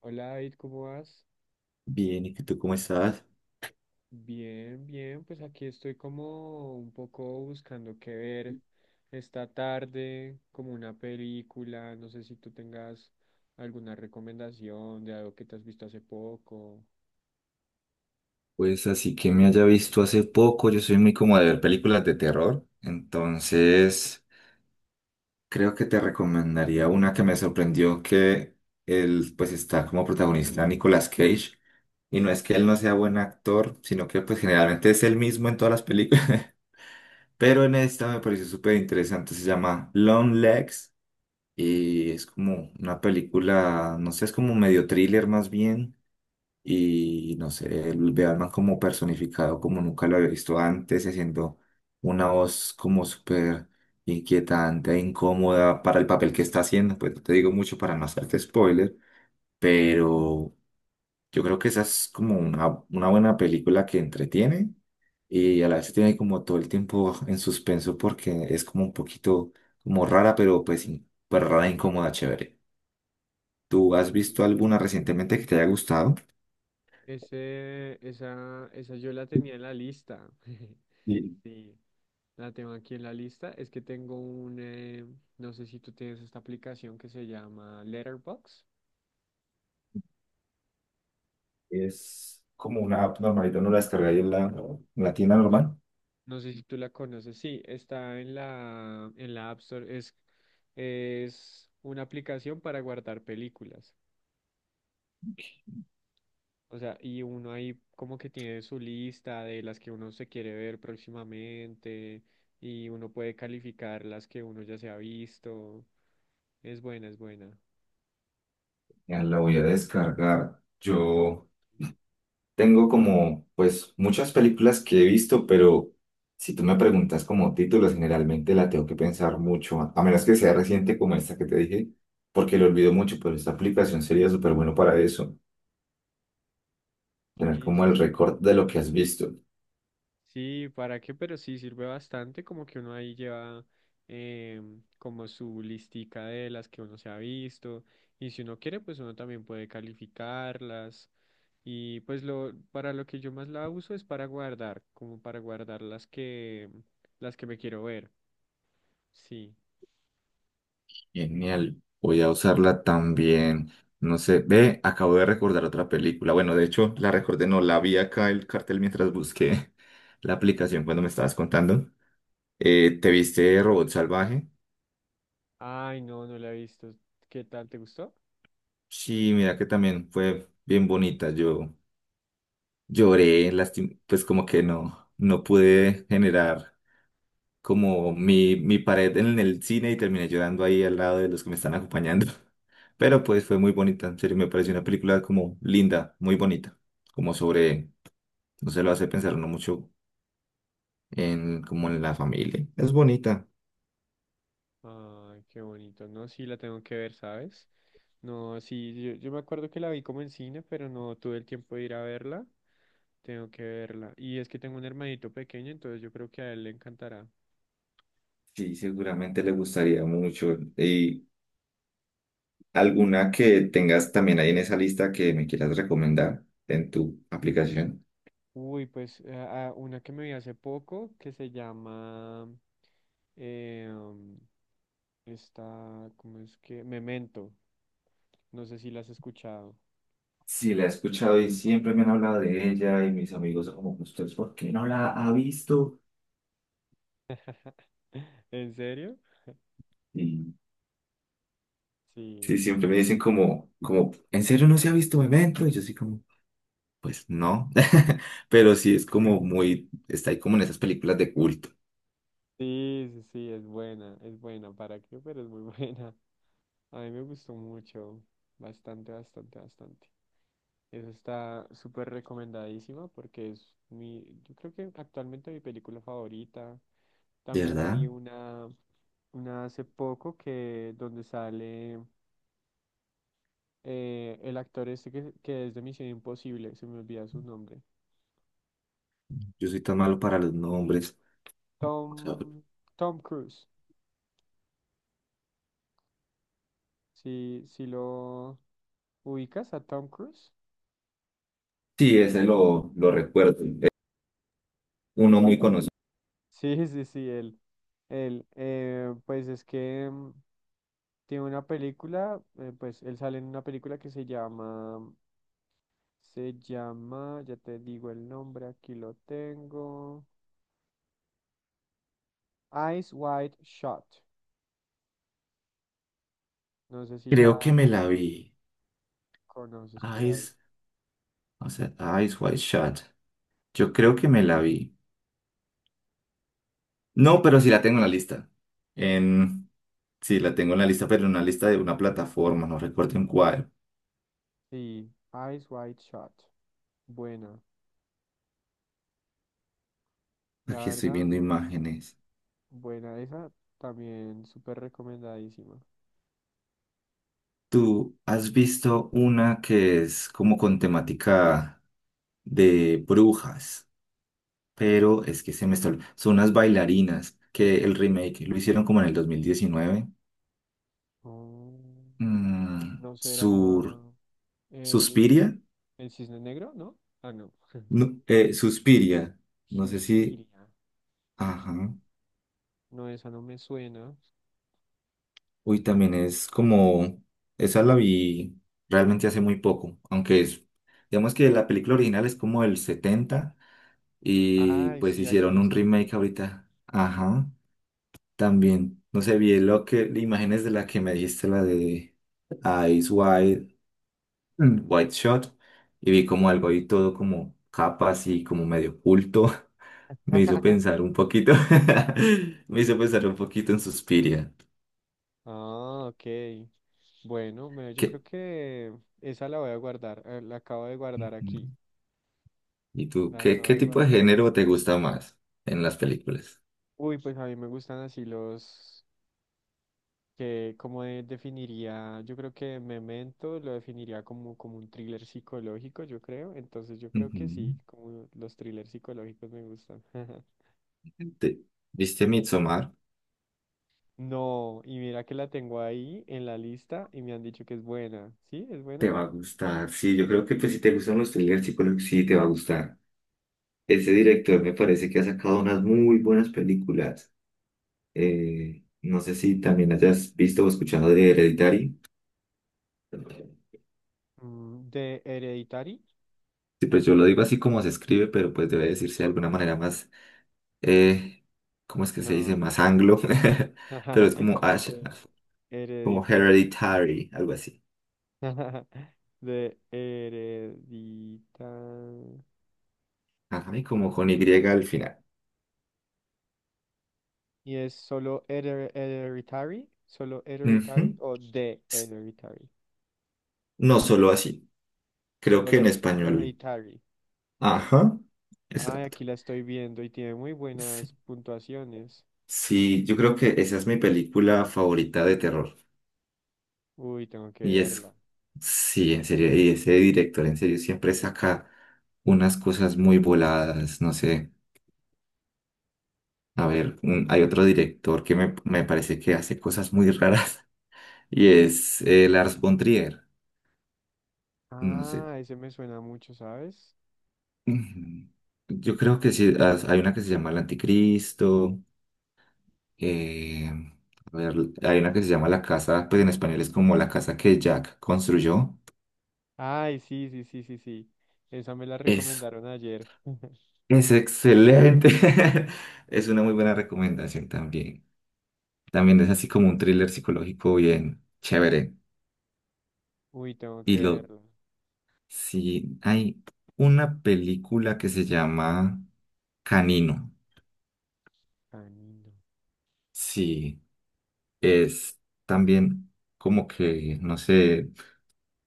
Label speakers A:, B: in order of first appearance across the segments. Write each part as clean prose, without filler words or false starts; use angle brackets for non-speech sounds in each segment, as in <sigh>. A: Hola David, ¿cómo vas?
B: Bien, ¿y que tú cómo estás?
A: Bien, bien, pues aquí estoy como un poco buscando qué ver esta tarde, como una película, no sé si tú tengas alguna recomendación de algo que te has visto hace poco.
B: Pues así que me haya visto hace poco, yo soy muy como de ver películas de terror, entonces creo que te recomendaría una que me sorprendió que él pues está como protagonista Nicolas Cage y no es que él no sea buen actor, sino que pues generalmente es el mismo en todas las películas, <laughs> pero en esta me pareció súper interesante, se llama Long Legs y es como una película, no sé, es como medio thriller más bien. Y no sé, el Bearman como personificado como nunca lo había visto antes, haciendo una voz como súper inquietante, e incómoda para el papel que está haciendo, pues no te digo mucho para no hacerte spoiler, pero yo creo que esa es como una buena película que entretiene y a la vez tiene como todo el tiempo en suspenso porque es como un poquito como rara, pero pues, pues rara, e incómoda, chévere. ¿Tú has
A: Mm.
B: visto alguna recientemente que te haya gustado?
A: Esa yo la tenía en la lista. <laughs>
B: Sí.
A: Sí, la tengo aquí en la lista. Es que tengo un, no sé si tú tienes esta aplicación que se llama Letterboxd.
B: Es como una app normalita, no la descargué ahí en la tienda normal.
A: No sé si tú la conoces. Sí, está en la App Store. Es una aplicación para guardar películas. O sea, y uno ahí como que tiene su lista de las que uno se quiere ver próximamente y uno puede calificar las que uno ya se ha visto. Es buena, es buena.
B: Ya la voy a descargar. Yo tengo como, pues, muchas películas que he visto, pero si tú me preguntas como títulos, generalmente la tengo que pensar mucho, a menos que sea reciente como esta que te dije, porque lo olvido mucho, pero esta aplicación sería súper bueno para eso, tener
A: Sí,
B: como
A: sí,
B: el
A: sí.
B: récord de lo que has visto.
A: Sí, ¿para qué? Pero sí sirve bastante, como que uno ahí lleva como su listica de las que uno se ha visto y si uno quiere, pues uno también puede calificarlas y pues lo para lo que yo más la uso es para guardar, como para guardar las que me quiero ver. Sí.
B: Genial, voy a usarla también. No sé, ve, acabo de recordar otra película. Bueno, de hecho, la recordé, no, la vi acá el cartel mientras busqué <laughs> la aplicación cuando me estabas contando. ¿Te viste Robot Salvaje?
A: Ay, no, no la he visto. ¿Qué tal? ¿Te gustó?
B: Sí, mira que también fue bien bonita. Yo lloré, pues como que no, no pude generar como mi pared en el cine y terminé llorando ahí al lado de los que me están acompañando. <laughs> Pero pues fue muy bonita, en serio, me pareció una película como linda, muy bonita, como sobre, no se lo hace pensar uno mucho en como en la familia. Es bonita.
A: Ay, qué bonito. No, sí, la tengo que ver, ¿sabes? No, sí, yo me acuerdo que la vi como en cine, pero no tuve el tiempo de ir a verla. Tengo que verla. Y es que tengo un hermanito pequeño, entonces yo creo que a él le encantará.
B: Sí, seguramente le gustaría mucho. ¿Y alguna que tengas también ahí en esa lista que me quieras recomendar en tu aplicación?
A: Uy, pues a una que me vi hace poco que se llama eh, um, esta, ¿cómo es que? Memento. No sé si la has escuchado.
B: Sí, la he escuchado y siempre me han hablado de ella y mis amigos son como, ¿usted por qué no la ha visto?
A: <laughs> ¿En serio?
B: Y sí,
A: Sí.
B: siempre me dicen como, ¿en serio no se ha visto Memento? Y yo así como, pues no. <laughs> Pero sí es como muy, está ahí como en esas películas de culto.
A: Sí, sí, sí, es buena, es buena. ¿Para qué? Pero es muy <laughs> buena. A mí me gustó mucho, bastante, bastante, bastante. Eso está súper recomendadísima porque es mi, yo creo que actualmente mi película favorita.
B: ¿De
A: También me
B: verdad?
A: vi una hace poco que donde sale el actor este que es de Misión Imposible, se me olvida su nombre.
B: Yo soy tan malo para los nombres. O sea,
A: Tom, Tom Cruise. Si lo ubicas a Tom Cruise.
B: sí, ese lo recuerdo. Es uno muy conocido.
A: Sí, <laughs> sí, sí, él. Él, pues es que tiene una película, pues él sale en una película que se llama, ya te digo el nombre, aquí lo tengo. Eyes Wide Shot. No sé si la
B: Creo que me la vi.
A: conoces por ahí.
B: Eyes, o sea, Eyes Wide Shut. Yo creo que me la vi. No, pero sí la tengo en la lista. En, sí, la tengo en la lista, pero en una lista de una plataforma, no recuerdo en cuál.
A: Sí, Eyes Wide Shot. Buena, la
B: Aquí estoy
A: verdad,
B: viendo imágenes.
A: buena esa, también súper recomendadísima.
B: ¿Tú has visto una que es como con temática de brujas? Pero es que se me está... Son unas bailarinas que el remake lo hicieron como en el 2019.
A: Oh,
B: Mm,
A: ¿no será
B: sur...
A: el,
B: ¿Suspiria?
A: el Cisne Negro? ¿No? Ah, no.
B: No, Suspiria. No sé si...
A: Suspiria.
B: Ajá.
A: Mm, no, esa no me suena.
B: Uy, también es como... Esa la vi realmente hace muy poco. Aunque es... Digamos que la película original es como el 70 y
A: Ay,
B: pues
A: sí, aquí
B: hicieron
A: la
B: un
A: estoy
B: remake
A: viendo.
B: ahorita. Ajá. También, no sé, vi lo que, imágenes de la que me dijiste, la de Eyes Wide, Wide Shot, y vi como algo ahí todo como capas y como medio oculto. <laughs> Me hizo
A: <laughs>
B: pensar un poquito, <laughs> me hizo pensar un poquito en Suspiria.
A: Ah, ok. Bueno, yo creo
B: ¿Qué?
A: que esa la voy a guardar. La acabo de guardar
B: Ujú.
A: aquí.
B: ¿Y tú,
A: La
B: qué,
A: acabo
B: qué
A: de
B: tipo de
A: guardar.
B: género te gusta más en las películas?
A: Uy, pues a mí me gustan así los definiría, yo creo que Memento lo definiría como, como un thriller psicológico, yo creo. Entonces yo creo que sí,
B: Ujú.
A: como los thrillers psicológicos me gustan. <laughs>
B: ¿Te- ¿Viste Midsommar?
A: No, y mira que la tengo ahí en la lista y me han dicho que es buena. ¿Sí? ¿Es
B: Te
A: buena?
B: va a gustar, sí, yo creo que pues si te gustan los thrillers psicológicos, sí te va a gustar. Ese director me parece que ha sacado unas muy buenas películas. No sé si también hayas visto o escuchado de Hereditary.
A: Mm, ¿de Hereditary?
B: Sí, pues yo lo digo así como se escribe, pero pues debe decirse de alguna manera más, eh, ¿cómo es que se dice?
A: No.
B: Más anglo, <laughs> pero es
A: <laughs>
B: como Ash,
A: De
B: como
A: Hereditary.
B: Hereditary, algo así.
A: <laughs> De Hereditary.
B: Ajá, y como con Y al final.
A: ¿Y es solo Hereditary? ¿Solo Hereditary
B: Ujú.
A: o de
B: S-
A: Hereditary?
B: No solo así, creo que
A: Solo
B: en español.
A: Hereditary.
B: Ajá,
A: Ay,
B: exacto.
A: aquí la estoy viendo y tiene muy
B: Sí.
A: buenas puntuaciones.
B: Sí, yo creo que esa es mi película favorita de terror.
A: Uy, tengo que
B: Y es,
A: verla.
B: sí, en serio, y ese director en serio siempre saca unas cosas muy voladas, no sé. A ver, hay otro director que me parece que hace cosas muy raras <laughs> y es Lars von Trier. No sé.
A: Ah, ese me suena mucho, ¿sabes?
B: Ujú. Yo creo que sí, hay una que se llama El Anticristo. eh, a ver, hay una que se llama La Casa, pues en español es como La Casa que Jack construyó.
A: Ay, sí, sí, sí, sí, sí. Esa me la recomendaron ayer. <laughs>
B: Es excelente. <laughs> Es una muy buena recomendación también. También es así como un thriller psicológico bien chévere.
A: Uy, tengo que
B: Y lo,
A: verla.
B: sí, hay una película que se llama Canino.
A: Canino.
B: Sí, es también como que, no sé,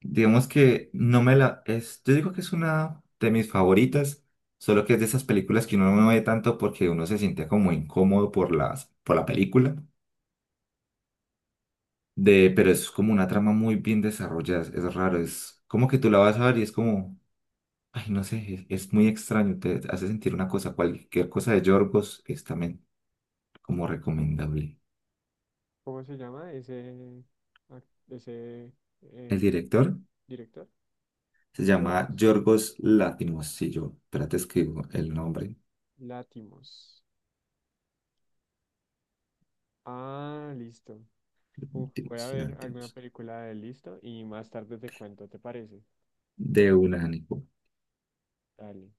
B: digamos que no me la, es, yo digo que es una de mis favoritas, solo que es de esas películas que uno no ve tanto porque uno se siente como incómodo por por la película de, pero es como una trama muy bien desarrollada, es, raro, es como que tú la vas a ver y es como, ay, no sé, es muy extraño, te hace sentir una cosa, cualquier cosa de Yorgos es también como recomendable.
A: ¿Cómo se llama ese, ac- ese
B: El
A: eh,
B: director
A: director?
B: se llama
A: ¿Yorgos?
B: Yorgos Látimos, si yo, espérate, escribo el nombre,
A: Látimos. Ah, listo. Uf, voy a
B: Látimos,
A: ver alguna
B: Látimos,
A: película de él, listo y más tarde te cuento, ¿te parece?
B: de un ánimo.
A: Dale.